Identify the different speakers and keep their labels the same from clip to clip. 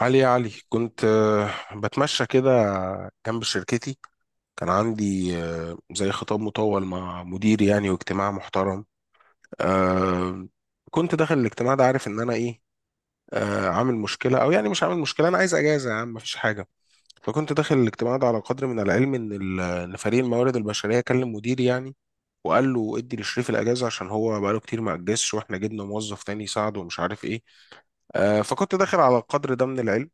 Speaker 1: علي يا علي كنت بتمشى كده جنب شركتي. كان عندي زي خطاب مطول مع مديري يعني، واجتماع محترم. آه، كنت داخل الاجتماع ده عارف ان انا ايه، عامل مشكلة او يعني مش عامل مشكلة، انا عايز اجازة يا عم، مفيش حاجة. فكنت داخل الاجتماع ده على قدر من العلم ان ان فريق الموارد البشرية كلم مديري يعني، وقال له ادي لشريف الاجازه عشان هو بقاله كتير ما اجازش واحنا جبنا موظف تاني يساعده ومش عارف ايه. فكنت داخل على القدر ده من العلم،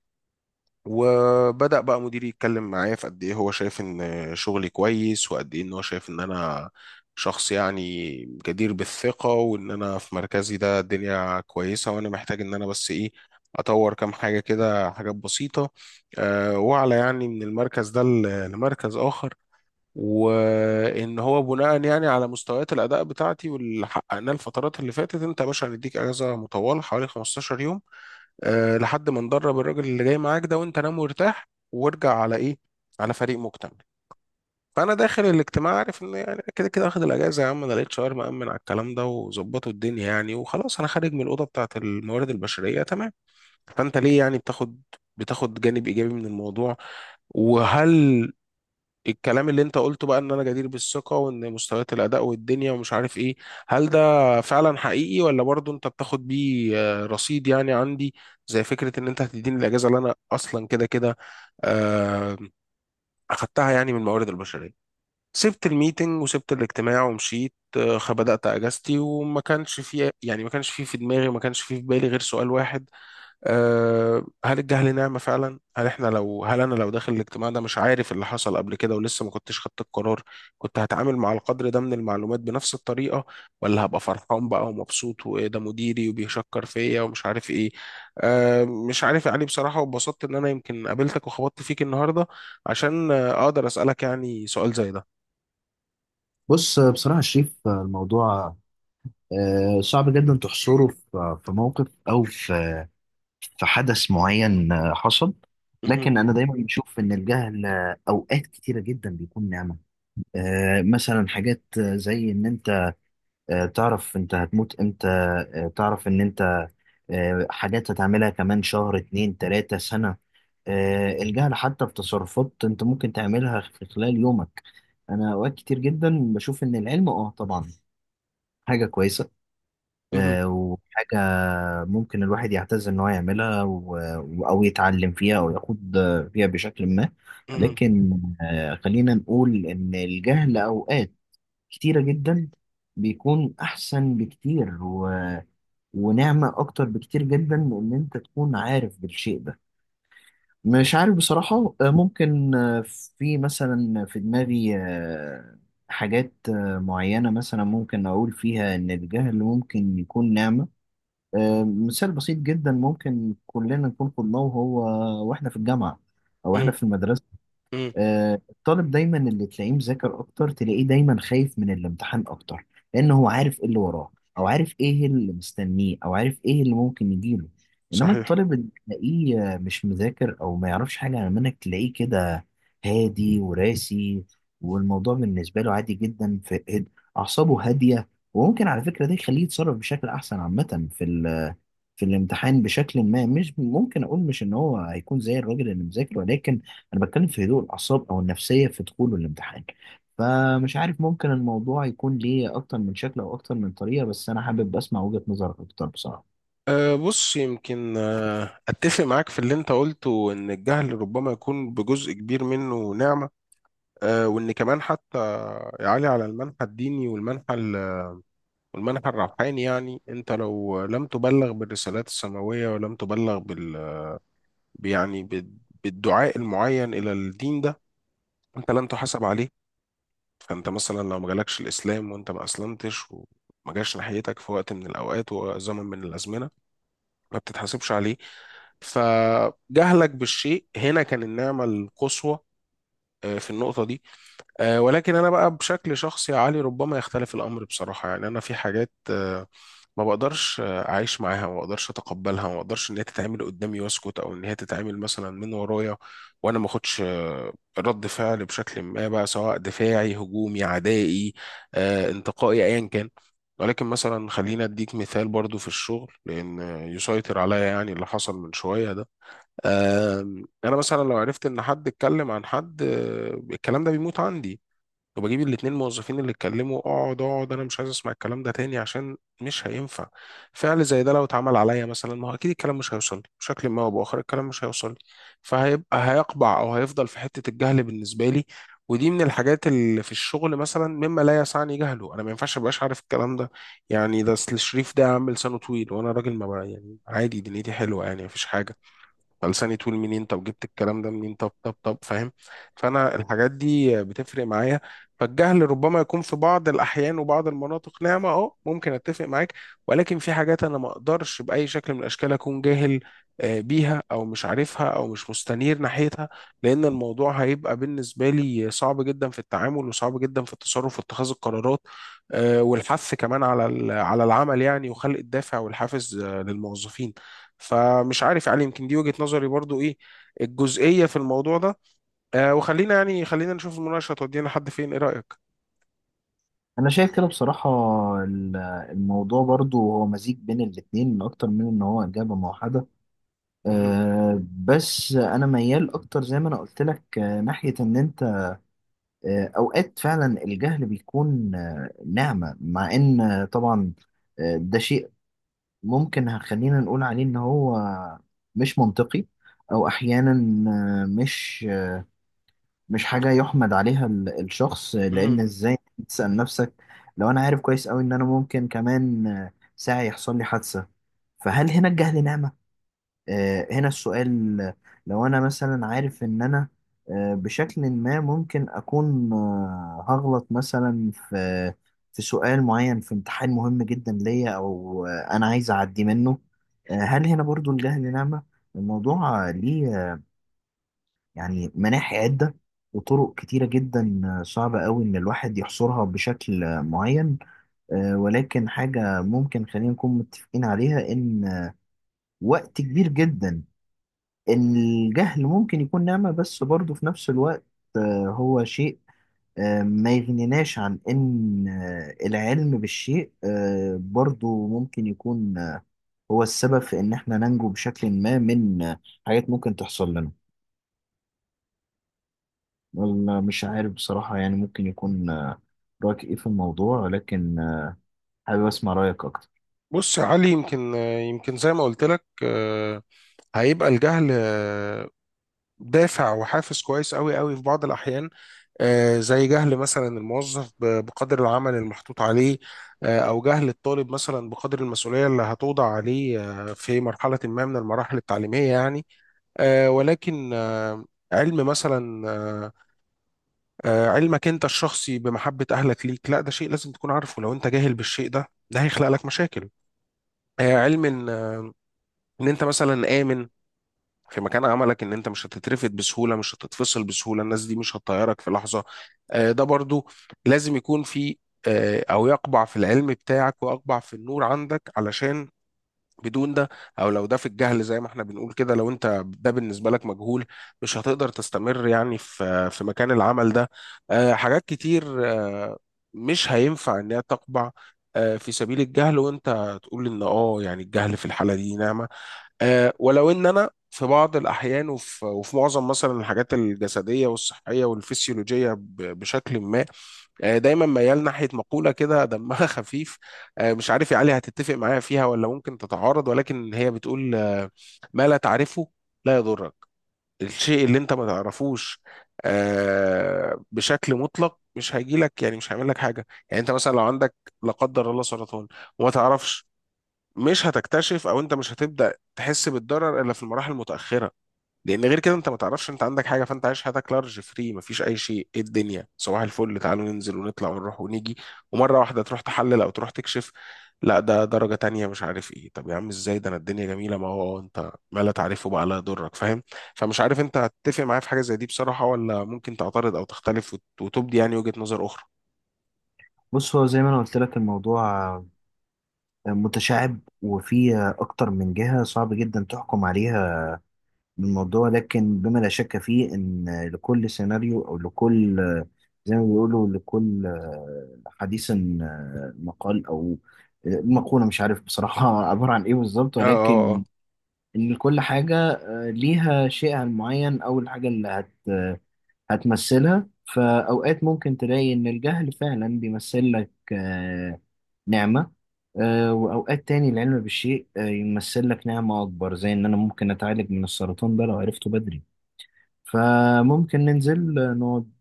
Speaker 1: وبدأ بقى مديري يتكلم معايا في قد ايه هو شايف ان شغلي كويس، وقد ايه ان هو شايف ان انا شخص يعني جدير بالثقة، وان انا في مركزي ده الدنيا كويسة، وانا محتاج ان انا بس ايه اطور كام حاجة كده، حاجات بسيطة. وعلى يعني من المركز ده لمركز اخر، وان هو بناء يعني على مستويات الاداء بتاعتي واللي حققناه الفترات اللي فاتت، انت يا باشا هنديك اجازه مطوله حوالي 15 يوم، لحد ما ندرب الراجل اللي جاي معاك ده، وانت نام وارتاح وارجع على ايه، على فريق مكتمل. فانا داخل الاجتماع عارف ان يعني كده كده اخد الاجازه يا عم، انا لقيت شاور مأمن على الكلام ده وظبطوا الدنيا يعني، وخلاص انا خارج من الاوضه بتاعت الموارد البشريه تمام. فانت ليه يعني بتاخد جانب ايجابي من الموضوع؟ وهل الكلام اللي انت قلته بقى ان انا جدير بالثقة وان مستويات الاداء والدنيا ومش عارف ايه، هل ده فعلا حقيقي؟ ولا برضو انت بتاخد بيه رصيد يعني عندي، زي فكرة ان انت هتديني الاجازة اللي انا اصلا كده كده آه، اخدتها يعني من الموارد البشرية. سبت الميتنج وسبت الاجتماع ومشيت، بدأت اجازتي، وما كانش في يعني ما كانش في دماغي، ما كانش في بالي غير سؤال واحد. هل الجهل نعمة فعلا؟ هل احنا لو، هل انا لو داخل الاجتماع ده مش عارف اللي حصل قبل كده ولسه ما كنتش خدت القرار، كنت هتعامل مع القدر ده من المعلومات بنفس الطريقة؟ ولا هبقى فرحان بقى ومبسوط، وايه ده مديري وبيشكر فيا ومش عارف ايه؟ مش عارف يا علي بصراحة، واتبسطت ان انا يمكن قابلتك وخبطت فيك النهاردة عشان اقدر اسألك يعني سؤال زي ده.
Speaker 2: بص، بصراحة شريف، الموضوع صعب جدا تحصره في موقف أو في حدث معين حصل.
Speaker 1: مهم.
Speaker 2: لكن أنا دايما بشوف إن الجهل أوقات كتيرة جدا بيكون نعمة. مثلا حاجات زي إن أنت تعرف أنت هتموت إمتى، تعرف إن أنت حاجات هتعملها كمان شهر 2 3 سنة. الجهل حتى في تصرفات أنت ممكن تعملها في خلال يومك. أنا أوقات كتير جدا بشوف إن العلم طبعا حاجة كويسة
Speaker 1: مهم.
Speaker 2: وحاجة ممكن الواحد يعتز إن هو يعملها أو يتعلم فيها أو ياخد فيها بشكل ما.
Speaker 1: مهم.
Speaker 2: لكن خلينا نقول إن الجهل أوقات كتيرة جدا بيكون أحسن بكتير ونعمة أكتر بكتير جدا من إن أنت تكون عارف بالشيء ده. مش عارف بصراحة، ممكن في مثلا في دماغي حاجات معينة مثلا ممكن أقول فيها إن الجهل ممكن يكون نعمة. مثال بسيط جدا ممكن كلنا نكون خدناه، وإحنا في الجامعة أو إحنا
Speaker 1: مهم.
Speaker 2: في المدرسة.
Speaker 1: مهم.
Speaker 2: الطالب دايما اللي تلاقيه مذاكر اكتر تلاقيه دايما خايف من الامتحان اكتر، لان هو عارف ايه اللي وراه او عارف ايه اللي مستنيه او عارف ايه اللي ممكن يجيله. انما
Speaker 1: صحيح.
Speaker 2: الطالب اللي تلاقيه مش مذاكر او ما يعرفش حاجه عن المنهج تلاقيه كده هادي وراسي، والموضوع بالنسبه له عادي جدا في اعصابه هاديه. وممكن على فكره ده يخليه يتصرف بشكل احسن عامه في في الامتحان بشكل ما. مش ممكن اقول مش ان هو هيكون زي الراجل اللي مذاكر، ولكن انا بتكلم في هدوء الاعصاب او النفسيه في دخول الامتحان. فمش عارف، ممكن الموضوع يكون ليه اكتر من شكل او اكتر من طريقه، بس انا حابب اسمع وجهه نظرك اكتر بصراحه.
Speaker 1: بص، يمكن أتفق معاك في اللي أنت قلته إن الجهل ربما يكون بجزء كبير منه نعمة. وإن كمان حتى يعلي على المنحى الديني والمنحى والمنحى الروحاني، يعني أنت لو لم تبلغ بالرسالات السماوية ولم تبلغ يعني بالدعاء المعين إلى الدين ده، أنت لن تحاسب عليه. فأنت مثلا لو ما جالكش الإسلام وأنت ما أسلمتش، وما جاش ناحيتك في وقت من الأوقات وزمن من الأزمنة، ما بتتحاسبش عليه، فجهلك بالشيء هنا كان النعمة القصوى في النقطة دي. ولكن انا بقى بشكل شخصي يا علي ربما يختلف الامر بصراحه. يعني انا في حاجات ما بقدرش اعيش معاها، ما بقدرش اتقبلها، ما بقدرش ان هي تتعمل قدامي واسكت، او ان هي تتعمل مثلا من ورايا وانا ما اخدش رد فعل بشكل ما بقى، سواء دفاعي هجومي عدائي انتقائي ايا كان. ولكن مثلا خلينا اديك مثال برضو في الشغل، لان يسيطر عليا يعني اللي حصل من شويه ده. انا مثلا لو عرفت ان حد اتكلم عن حد الكلام ده بيموت عندي، وبجيب الاتنين موظفين اللي اتكلموا، اقعد اقعد انا مش عايز اسمع الكلام ده تاني عشان مش هينفع. فعل زي ده لو اتعمل عليا مثلا، ما هو اكيد الكلام مش هيوصل لي بشكل ما او باخر، الكلام مش هيوصل لي، فهيبقى هيقبع او هيفضل في حتة الجهل بالنسبة لي. ودي من الحاجات اللي في الشغل مثلا مما لا يسعني جهله، انا ما ينفعش ابقاش عارف الكلام ده. يعني ده اصل الشريف ده عامل لسانه طويل، وانا راجل ما بقى يعني عادي دنيتي حلوة يعني مفيش حاجة، فلساني طول منين؟ طب جبت الكلام ده منين؟ طب فاهم؟ فانا الحاجات دي بتفرق معايا. فالجهل ربما يكون في بعض الاحيان وبعض المناطق نعمه، اه ممكن اتفق معاك. ولكن في حاجات انا ما اقدرش باي شكل من الاشكال اكون جاهل بيها، او مش عارفها او مش مستنير ناحيتها، لان الموضوع هيبقى بالنسبه لي صعب جدا في التعامل وصعب جدا في التصرف واتخاذ القرارات والحث كمان على على العمل يعني، وخلق الدافع والحافز للموظفين. فمش عارف يعني يمكن دي وجهة نظري برضو ايه الجزئية في الموضوع ده. آه وخلينا يعني خلينا نشوف المناقشة تودينا لحد فين، ايه رأيك؟
Speaker 2: انا شايف كده بصراحه ال- الموضوع برضو هو مزيج بين الاتنين اكتر من ان هو اجابه موحده.
Speaker 1: مهم.
Speaker 2: بس انا ميال اكتر زي ما انا قلت لك، ناحيه ان انت اوقات فعلا الجهل بيكون نعمه، مع ان طبعا ده شيء ممكن خلينا نقول عليه ان هو مش منطقي، او احيانا مش مش حاجه يحمد عليها الشخص.
Speaker 1: مهم.
Speaker 2: لان ازاي تسال نفسك لو انا عارف كويس قوي ان انا ممكن كمان ساعه يحصل لي حادثه، فهل هنا الجهل نعمه؟ هنا السؤال. لو أنا مثلا عارف إن أنا بشكل ما ممكن أكون هغلط مثلا في سؤال معين في امتحان مهم جدا ليا، أو أنا عايز أعدي منه، هل هنا برضو الجهل نعمة؟ الموضوع ليه يعني مناحي عدة وطرق كتيرة جدا، صعبة أوي إن الواحد يحصرها بشكل معين. ولكن حاجة ممكن خلينا نكون متفقين عليها، إن وقت كبير جدا الجهل ممكن يكون نعمة، بس برضه في نفس الوقت هو شيء ما يغنيناش عن إن العلم بالشيء برضه ممكن يكون هو السبب في إن إحنا ننجو بشكل ما من حاجات ممكن تحصل لنا. والله مش عارف بصراحة، يعني ممكن يكون رأيك إيه في الموضوع، ولكن حابب أسمع رأيك أكتر.
Speaker 1: بص يا علي، يمكن يمكن زي ما قلت لك هيبقى الجهل دافع وحافز كويس قوي قوي في بعض الأحيان، زي جهل مثلا الموظف بقدر العمل المحطوط عليه، او جهل الطالب مثلا بقدر المسؤوليه اللي هتوضع عليه في مرحله ما من المراحل التعليميه يعني. ولكن علم مثلا علمك انت الشخصي بمحبة اهلك ليك، لا ده شيء لازم تكون عارفه، لو انت جاهل بالشيء ده ده هيخلق لك مشاكل. علم ان ان انت مثلا امن في مكان عملك، ان انت مش هتترفد بسهولة، مش هتتفصل بسهولة، الناس دي مش هتطيرك في لحظة، ده برضو لازم يكون في او يقبع في العلم بتاعك ويقبع في النور عندك، علشان بدون ده، او لو ده في الجهل زي ما احنا بنقول كده، لو انت ده بالنسبه لك مجهول مش هتقدر تستمر يعني في مكان العمل ده. حاجات كتير مش هينفع انها تقبع في سبيل الجهل، وانت تقول ان اه يعني الجهل في الحاله دي نعمه. ولو ان انا في بعض الاحيان وفي معظم مثلا الحاجات الجسديه والصحيه والفسيولوجيه بشكل ما دايما ميال ناحيه مقوله كده دمها خفيف. مش عارف يا علي هتتفق معايا فيها ولا ممكن تتعارض، ولكن هي بتقول ما لا تعرفه لا يضرك. الشيء اللي انت ما تعرفوش بشكل مطلق مش هيجي لك، يعني مش هيعمل لك حاجه. يعني انت مثلا لو عندك لا قدر الله سرطان وما تعرفش، مش هتكتشف او انت مش هتبدا تحس بالضرر الا في المراحل المتاخره، لان غير كده انت ما تعرفش انت عندك حاجه، فانت عايش حياتك لارج فري، مفيش اي شيء، ايه الدنيا صباح الفل، تعالوا ننزل ونطلع ونروح ونيجي. ومره واحده تروح تحلل او تروح تكشف، لا ده درجه تانية، مش عارف ايه، طب يا عم ازاي ده، انا الدنيا جميله، ما هو انت ما لا تعرفه بقى لا يضرك، فاهم؟ فمش عارف انت هتتفق معايا في حاجه زي دي بصراحه، ولا ممكن تعترض او تختلف وتبدي يعني وجهه نظر اخرى.
Speaker 2: بص، هو زي ما أنا قلت لك، الموضوع متشعب وفيه أكتر من جهة صعب جدا تحكم عليها من الموضوع. لكن بما لا شك فيه ان لكل سيناريو او لكل، زي ما بيقولوا، لكل حديث مقال او مقولة، مش عارف بصراحة عبارة عن ايه بالظبط،
Speaker 1: اه،
Speaker 2: ولكن
Speaker 1: اه،
Speaker 2: ان كل حاجة ليها شيئها المعين او الحاجة اللي هتمثلها. فاوقات ممكن تلاقي ان الجهل فعلا بيمثل لك نعمة، وأوقات تاني العلم بالشيء يمثل لك نعمة أكبر، زي إن أنا ممكن أتعالج من السرطان ده لو عرفته بدري. فممكن ننزل نقعد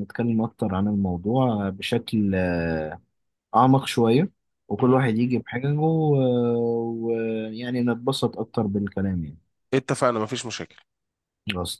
Speaker 2: نتكلم أكتر عن الموضوع بشكل أعمق شوية، وكل
Speaker 1: اه
Speaker 2: واحد يجي بحاجة ويعني نتبسط أكتر بالكلام يعني.
Speaker 1: اتفقنا، مفيش مشاكل.
Speaker 2: خلاص.